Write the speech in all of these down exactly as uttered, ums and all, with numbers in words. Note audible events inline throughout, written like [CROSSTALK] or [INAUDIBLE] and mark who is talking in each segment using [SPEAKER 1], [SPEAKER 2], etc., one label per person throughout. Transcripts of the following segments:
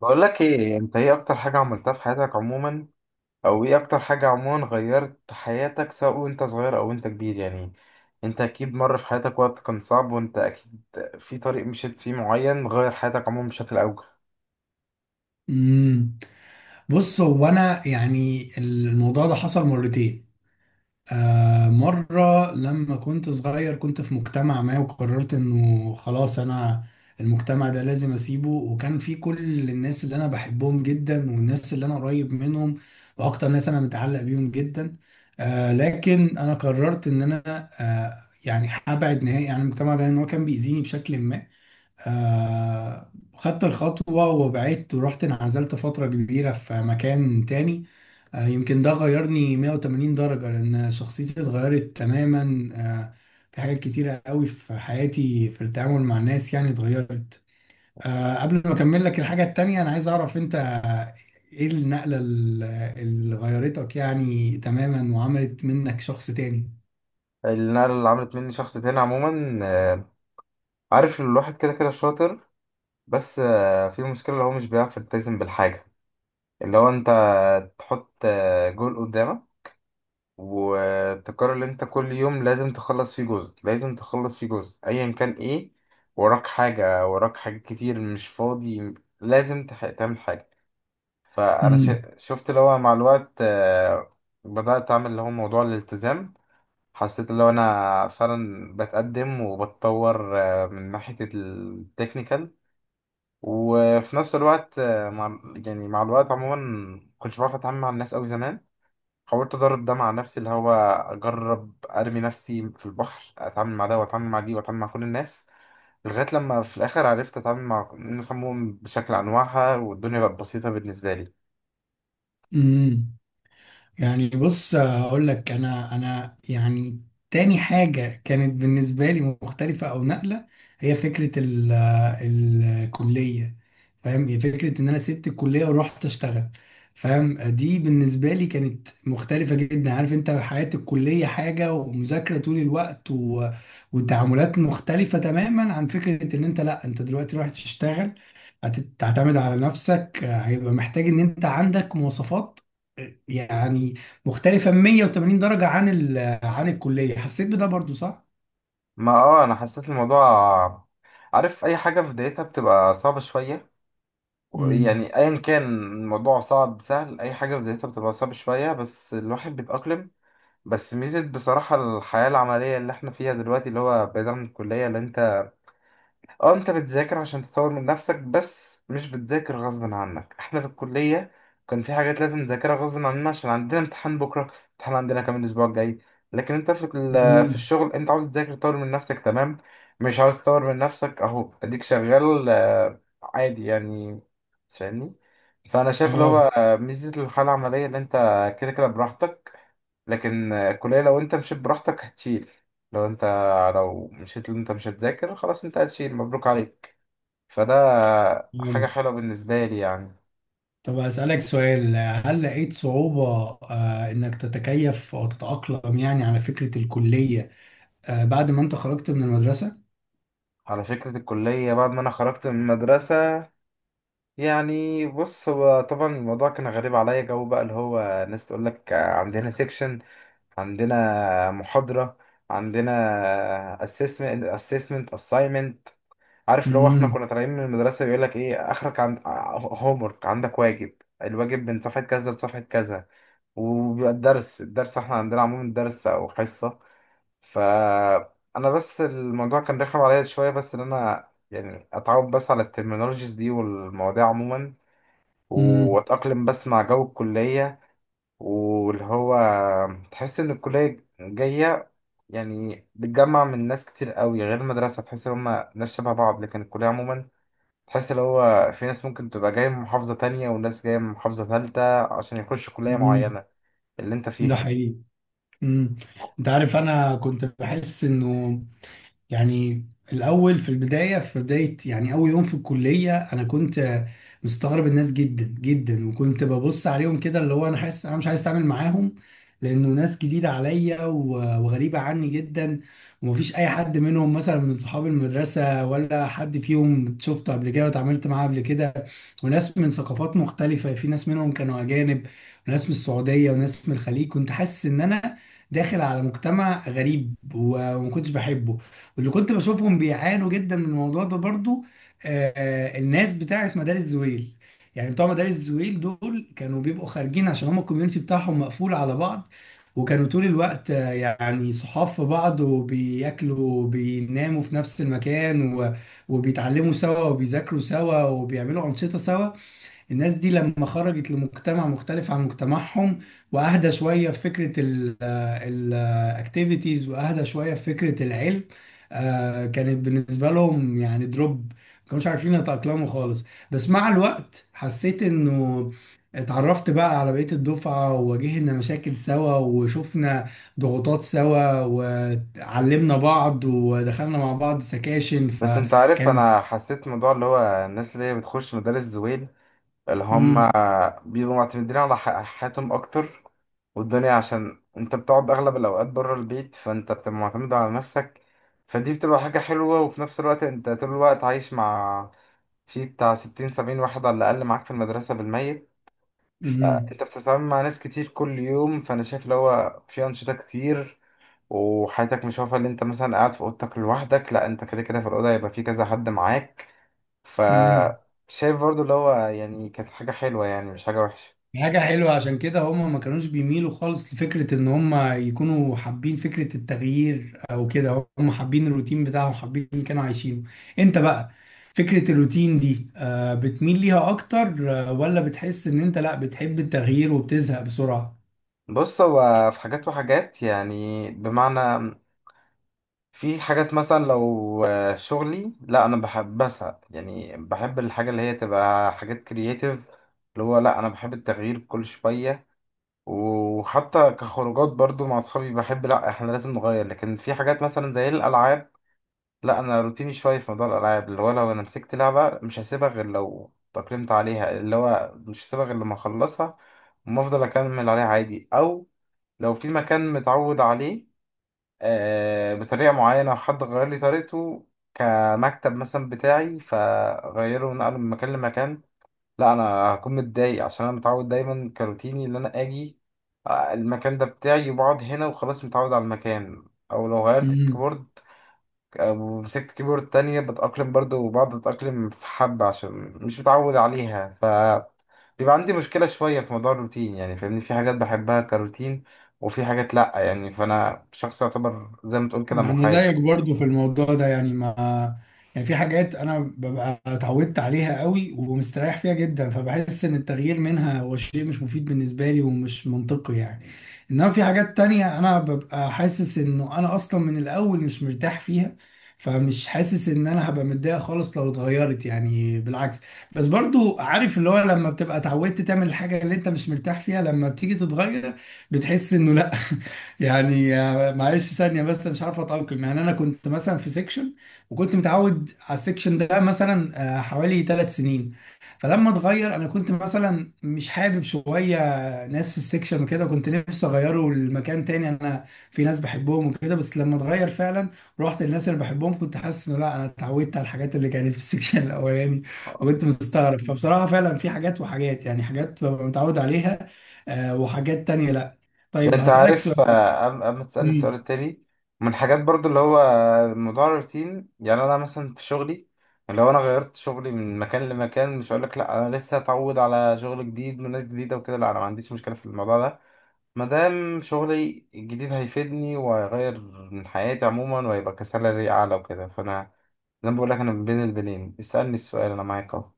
[SPEAKER 1] بقول لك ايه؟ انت ايه اكتر حاجة عملتها في حياتك عموما؟ او ايه اكتر حاجة عموما غيرت حياتك سواء وانت صغير او وانت كبير يعني؟ انت اكيد مر في حياتك وقت كان صعب، وانت اكيد في طريق مشيت فيه معين غير حياتك عموما بشكل اوجه.
[SPEAKER 2] امم بص، هو انا يعني الموضوع ده حصل مرتين. آه مره لما كنت صغير، كنت في مجتمع ما، وقررت انه خلاص انا المجتمع ده لازم اسيبه. وكان في كل الناس اللي انا بحبهم جدا، والناس اللي انا قريب منهم، واكتر ناس انا متعلق بيهم جدا. آه لكن انا قررت ان انا آه يعني هبعد نهائي عن المجتمع ده، لان هو كان بيأذيني بشكل ما. آه، خدت الخطوة وبعدت ورحت انعزلت فترة كبيرة في مكان تاني. آه، يمكن ده غيرني 180 درجة، لأن شخصيتي اتغيرت تماما. آه، في حاجات كتيرة قوي في حياتي في التعامل مع الناس يعني اتغيرت. آه، قبل ما أكمل لك الحاجة التانية، أنا عايز أعرف أنت إيه النقلة ال- اللي غيرتك يعني تماما وعملت منك شخص تاني؟
[SPEAKER 1] النقلة اللي عملت مني شخص تاني عموما، آه، عارف إن الواحد كده كده شاطر، بس آه، في مشكلة اللي هو مش بيعرف يلتزم بالحاجة اللي هو انت تحط آه، جول قدامك، وتكرر اللي انت كل يوم لازم تخلص فيه جزء، لازم تخلص فيه جزء ايا كان. ايه وراك؟ حاجة وراك؟ حاجات كتير مش فاضي، لازم تح- تعمل حاجة. فانا ش- شفت اللي هو مع الوقت آه، بدأت اعمل اللي هو موضوع الالتزام. حسيت اللي هو انا فعلا بتقدم وبتطور آه، من ناحية التكنيكال، وفي نفس الوقت آه، مع يعني مع الوقت عموما كنتش بعرف اتعامل مع الناس قوي زمان. حاولت ادرب ده مع نفسي، اللي هو اجرب ارمي نفسي في البحر، اتعامل مع ده واتعامل مع دي واتعامل مع كل الناس، لغايه لما في الاخر عرفت اتعامل مع الناس عموما بشكل انواعها، والدنيا بقت بسيطه بالنسبه لي.
[SPEAKER 2] امم يعني بص، هقول لك انا انا يعني تاني حاجة كانت بالنسبة لي مختلفة او نقلة، هي فكرة ال الكلية. فاهم، هي فكرة ان انا سبت الكلية ورحت اشتغل. فاهم، دي بالنسبة لي كانت مختلفة جدا. عارف انت حياة الكلية حاجة ومذاكرة طول الوقت، و... وتعاملات مختلفة تماما عن فكرة ان انت، لا انت دلوقتي رايح تشتغل، هتعتمد على نفسك، هيبقى محتاج ان انت عندك مواصفات يعني مختلفة 180 درجة عن ال... عن الكلية. حسيت بده برضو، صح؟
[SPEAKER 1] ما اه انا حسيت الموضوع، عارف اي حاجه في بدايتها بتبقى صعبه شويه.
[SPEAKER 2] امم.
[SPEAKER 1] يعني ايا كان الموضوع صعب سهل، اي حاجه في بدايتها بتبقى صعبه شويه بس الواحد بيتاقلم. بس ميزه بصراحه الحياه العمليه اللي احنا فيها دلوقتي اللي هو بعيد عن الكليه، اللي انت اه انت بتذاكر عشان تطور من نفسك بس مش بتذاكر غصب عنك. احنا في الكلية كان في حاجات لازم نذاكرها غصب عننا عشان عندنا امتحان بكرة، امتحان عندنا كمان الاسبوع الجاي. لكن انت في ال- في
[SPEAKER 2] امم.
[SPEAKER 1] الشغل انت عاوز تذاكر تطور من نفسك، تمام. مش عاوز تطور من نفسك، اهو اديك شغال آه، عادي يعني، فاهمني؟ فانا شايف اللي هو
[SPEAKER 2] اه،
[SPEAKER 1] آه، ميزة الحالة العملية اللي انت كده كده براحتك. لكن آه، الكلية لو انت مشيت براحتك هتشيل. لو انت، لو مشيت اللي انت مش هتذاكر خلاص انت هتشيل، مبروك عليك. فده حاجة
[SPEAKER 2] فهمت.
[SPEAKER 1] حلوة بالنسبة لي يعني.
[SPEAKER 2] طب أسألك سؤال، هل لقيت صعوبة آه إنك تتكيف أو تتأقلم يعني على فكرة الكلية آه بعد ما أنت خرجت من المدرسة؟
[SPEAKER 1] على فكرة الكلية بعد ما أنا خرجت من المدرسة، يعني بص هو طبعا الموضوع كان غريب عليا. جو بقى اللي هو ناس تقول لك عندنا سيكشن، عندنا محاضرة، عندنا assessment assessment assignment. عارف لو احنا
[SPEAKER 2] امم.
[SPEAKER 1] كنا طالعين من المدرسة بيقول لك ايه اخرك؟ عند homework، عندك واجب، الواجب من صفحة كذا لصفحة كذا. وبيبقى الدرس، الدرس احنا عندنا عموما درس او حصة. فانا بس الموضوع كان رخم عليا شويه، بس ان انا يعني اتعود بس على الترمينولوجيز دي والمواضيع عموما،
[SPEAKER 2] امم.
[SPEAKER 1] واتاقلم بس مع جو الكليه. واللي هو تحس ان الكليه جايه يعني بتجمع من ناس كتير قوي غير المدرسه. تحس ان هم ناس شبه بعض، لكن الكليه عموما تحس اللي هو في ناس ممكن تبقى جايه من محافظه تانية، وناس جايه من محافظه ثالثه عشان يخشوا كليه
[SPEAKER 2] امم.
[SPEAKER 1] معينه اللي انت
[SPEAKER 2] ده
[SPEAKER 1] فيها.
[SPEAKER 2] حقيقي. امم أنت عارف، أنا كنت بحس إنه يعني الأول في البداية، في بداية يعني أول يوم في الكلية أنا كنت مستغرب الناس جدا جدا، وكنت ببص عليهم كده، اللي هو أنا حاسس أنا مش عايز أتعامل معاهم، لأنه ناس جديدة عليا و- وغريبة عني جدا، ومفيش أي حد منهم مثلا من صحاب المدرسة، ولا حد فيهم شفته قبل كده واتعاملت معاه قبل كده، وناس من ثقافات مختلفة، في ناس منهم كانوا أجانب، وناس من السعودية، وناس من الخليج. كنت حاسس إن أنا داخل على مجتمع غريب و- وما كنتش بحبه، واللي كنت بشوفهم بيعانوا جدا من الموضوع ده برضو آه، آه، الناس بتاعت مدارس زويل. يعني بتوع مدارس زويل دول كانوا بيبقوا خارجين، عشان هم الكوميونتي بتاعهم مقفول على بعض، وكانوا طول الوقت آه، يعني صحاب في بعض، وبياكلوا وبيناموا في نفس المكان، و- وبيتعلموا سوا، وبيذاكروا سوا، وبيعملوا أنشطة سوا. الناس دي لما خرجت لمجتمع مختلف عن مجتمعهم، واهدى شويه في فكره الاكتيفيتيز، واهدى شويه في فكره العلم، آه، كانت بالنسبه لهم يعني دروب، ما كانوش عارفين يتاقلموا خالص. بس مع الوقت حسيت انه اتعرفت بقى على بقية الدفعة، وواجهنا مشاكل سوا، وشفنا ضغوطات سوا، وعلمنا بعض، ودخلنا مع بعض سكاشن
[SPEAKER 1] بس انت عارف
[SPEAKER 2] فكان
[SPEAKER 1] انا حسيت موضوع اللي هو الناس اللي هي بتخش مدارس زويل، اللي هم
[SPEAKER 2] مم.
[SPEAKER 1] بيبقوا معتمدين على ح- حياتهم اكتر والدنيا، عشان انت بتقعد اغلب الاوقات بره البيت فانت بتبقى معتمد على نفسك. فدي بتبقى حاجة حلوة. وفي نفس الوقت انت طول الوقت عايش مع، في بتاع ستين سبعين واحد على الاقل معاك في المدرسة بالميت،
[SPEAKER 2] مم.
[SPEAKER 1] فانت بتتعامل مع ناس كتير كل يوم. فانا شايف اللي هو في انشطة كتير، وحياتك مش واقفة اللي انت مثلا قاعد في اوضتك لوحدك، لا انت كده كده في الاوضة يبقى في كذا حد معاك. ف
[SPEAKER 2] مم.
[SPEAKER 1] شايف برضو اللي هو يعني كانت حاجة حلوة، يعني مش حاجة وحشة.
[SPEAKER 2] حاجة حلوة. عشان كده هم ما كانوش بيميلوا خالص لفكرة ان هم يكونوا حابين فكرة التغيير، او كده هم حابين الروتين بتاعهم، حابين اللي كانوا عايشينه. انت بقى فكرة الروتين دي آه، بتميل ليها اكتر، آه، ولا بتحس ان انت لا بتحب التغيير وبتزهق بسرعة؟
[SPEAKER 1] بص هو في حاجات وحاجات يعني، بمعنى في حاجات مثلا لو آه، شغلي، لا انا بحب بسعى يعني بحب الحاجة اللي هي تبقى حاجات كرياتيف، اللي هو لا انا بحب التغيير كل شوية. وحتى كخروجات برضو مع اصحابي بحب لا احنا لازم نغير. لكن في حاجات مثلا زي الالعاب لا انا روتيني شويه في موضوع الالعاب، اللي هو لو انا مسكت لعبه مش هسيبها غير لو تأقلمت عليها، اللي هو مش هسيبها غير لما اخلصها وما افضل اكمل عليها عادي. او لو في مكان متعود عليه آه بطريقه معينه وحد غير لي طريقته، كمكتب مثلا بتاعي فغيره ونقله من مكان لمكان، لا انا هكون متضايق عشان انا متعود دايما كروتيني ان انا اجي آه، المكان ده بتاعي وبقعد هنا وخلاص، متعود على المكان. او لو غيرت الكيبورد ومسكت كيبورد تانية بتأقلم برضو، وبقعد أتأقلم في حبة عشان مش متعود عليها. ف بيبقى عندي مشكلة شوية في موضوع الروتين يعني، فاهمني؟ في حاجات بحبها كروتين وفي حاجات لأ، يعني فأنا شخص يعتبر زي ما تقول كده
[SPEAKER 2] انا
[SPEAKER 1] محايد.
[SPEAKER 2] زيك برضو في الموضوع ده، يعني ما يعني في حاجات انا ببقى اتعودت عليها قوي ومستريح فيها جدا، فبحس ان التغيير منها هو شيء مش مفيد بالنسبه لي ومش منطقي يعني. انما في حاجات تانية انا ببقى حاسس انه انا اصلا من الاول مش مرتاح فيها، فمش حاسس ان انا هبقى متضايق خالص لو اتغيرت، يعني بالعكس. بس برضو عارف اللي هو لما بتبقى اتعودت تعمل الحاجه اللي انت مش مرتاح فيها، لما بتيجي تتغير بتحس انه لا. يعني آه، معلش ثانية، بس مش عارف أتأقلم. يعني أنا كنت مثلا في سيكشن، وكنت متعود على السيكشن ده مثلا آه، حوالي ثلاث سنين. فلما اتغير أنا كنت مثلا مش حابب شوية ناس في السيكشن وكده، كنت نفسي أغيره لمكان تاني، أنا في ناس بحبهم وكده. بس لما اتغير فعلا رحت للناس اللي بحبهم، كنت حاسس إنه لا، أنا اتعودت على الحاجات اللي كانت في السيكشن [LAUGHS] الأولاني، وكنت مستغرب. فبصراحة فعلا في حاجات وحاجات، يعني حاجات ببقى متعود عليها آه، وحاجات تانية لا.
[SPEAKER 1] يعني
[SPEAKER 2] طيب،
[SPEAKER 1] أنت
[SPEAKER 2] هسألك
[SPEAKER 1] عارف
[SPEAKER 2] سؤال.
[SPEAKER 1] آه، قبل قبل ما تسألني السؤال
[SPEAKER 2] مم.
[SPEAKER 1] التاني، من الحاجات برضو اللي هو موضوع الروتين، يعني أنا مثلا في شغلي لو أنا غيرت شغلي من مكان لمكان مش هقولك لأ أنا لسه أتعود على شغل جديد وناس جديدة وكده، لأ أنا ما عنديش مشكلة في الموضوع ده ما دام شغلي الجديد هيفيدني وهيغير من حياتي عموما وهيبقى كسالري أعلى وكده. فأنا زي ما بقول لك أنا بين البنين، اسألني السؤال أنا معاك أهو.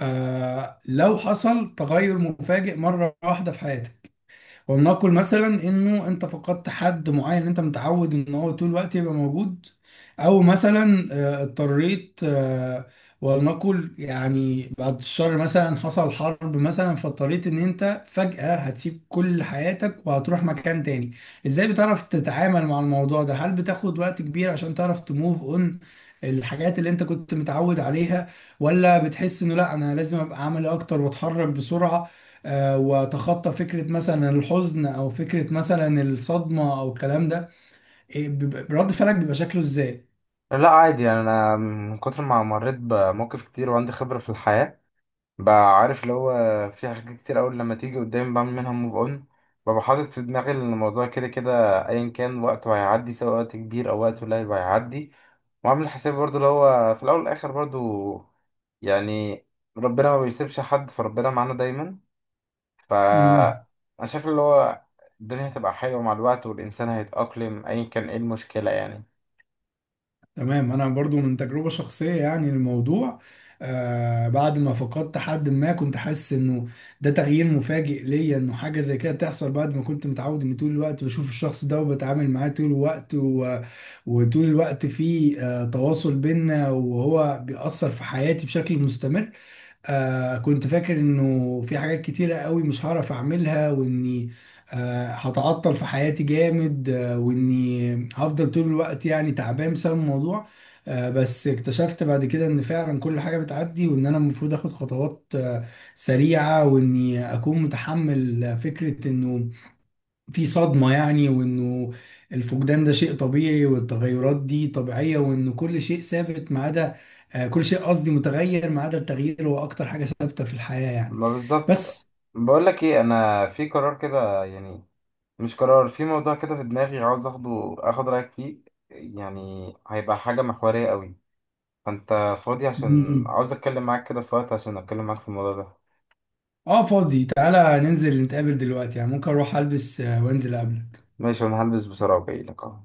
[SPEAKER 2] آه لو حصل تغير مفاجئ مرة واحدة في حياتك، ولنقل مثلا انه انت فقدت حد معين انت متعود ان هو طول الوقت يبقى موجود، او مثلا آه، اضطريت، آه، ولنقل يعني بعد الشر، مثلا حصل حرب مثلا، فاضطريت ان انت فجأة هتسيب كل حياتك وهتروح مكان تاني، ازاي بتعرف تتعامل مع الموضوع ده؟ هل بتاخد وقت كبير عشان تعرف تموف اون الحاجات اللي انت كنت متعود عليها، ولا بتحس انه لا انا لازم ابقى عملي اكتر واتحرك بسرعة، آه، واتخطى فكره مثلا الحزن او فكره مثلا الصدمه او الكلام ده؟ إيه، بيبقى- رد فعلك بيبقى شكله ازاي؟
[SPEAKER 1] لا عادي يعني، أنا من كتر ما مريت بمواقف كتير وعندي خبرة في الحياة بقى عارف اللي هو في حاجات كتير أوي لما تيجي قدامي بعمل منها موف أون. ببقى حاطط في دماغي إن الموضوع كده كده أيا كان وقته هيعدي، سواء وقت كبير أو وقت قليل هيعدي. وعامل حسابي برضو اللي هو في الأول والآخر برضو يعني ربنا ما بيسيبش حد، فربنا معانا دايما. ف
[SPEAKER 2] امم.
[SPEAKER 1] أنا شايف اللي هو الدنيا هتبقى حلوة مع الوقت، والإنسان هيتأقلم أيا كان إيه المشكلة يعني.
[SPEAKER 2] تمام، انا برضو من تجربه شخصيه، يعني الموضوع آه بعد ما فقدت حد، ما كنت حاسس انه ده تغيير مفاجئ ليا، انه حاجه زي كده تحصل بعد ما كنت متعود ان طول الوقت بشوف الشخص ده وبتعامل معاه طول الوقت، و... وطول الوقت في آه تواصل بينا، وهو بيأثر في حياتي بشكل مستمر. آه كنت فاكر انه في حاجات كتيرة قوي مش هعرف اعملها، واني آه هتعطل في حياتي جامد، آه واني هفضل طول الوقت يعني تعبان بسبب الموضوع. آه بس اكتشفت بعد كده ان فعلا كل حاجة بتعدي، وان انا المفروض اخد خطوات آه سريعة، واني اكون متحمل فكرة انه في صدمة يعني، وإنه الفقدان ده شيء طبيعي، والتغيرات دي طبيعية، وإنه كل شيء ثابت ما عدا آه، كل شيء قصدي متغير، ما عدا التغيير هو أكتر حاجة ثابتة في الحياة يعني.
[SPEAKER 1] ما بالظبط.
[SPEAKER 2] بس.
[SPEAKER 1] بقول لك إيه، أنا في قرار كده يعني، مش قرار، في موضوع كده في دماغي عاوز اخده اخد رايك فيه. يعني هيبقى حاجه محوريه قوي. فانت فاضي عشان
[SPEAKER 2] مم.
[SPEAKER 1] عاوز اتكلم معاك كده في وقت عشان اتكلم معاك في الموضوع ده؟
[SPEAKER 2] آه فاضي، تعالى ننزل نتقابل دلوقتي، يعني ممكن أروح ألبس آه، وأنزل أقابلك.
[SPEAKER 1] ماشي، انا هلبس بسرعه وجاي لك اهو.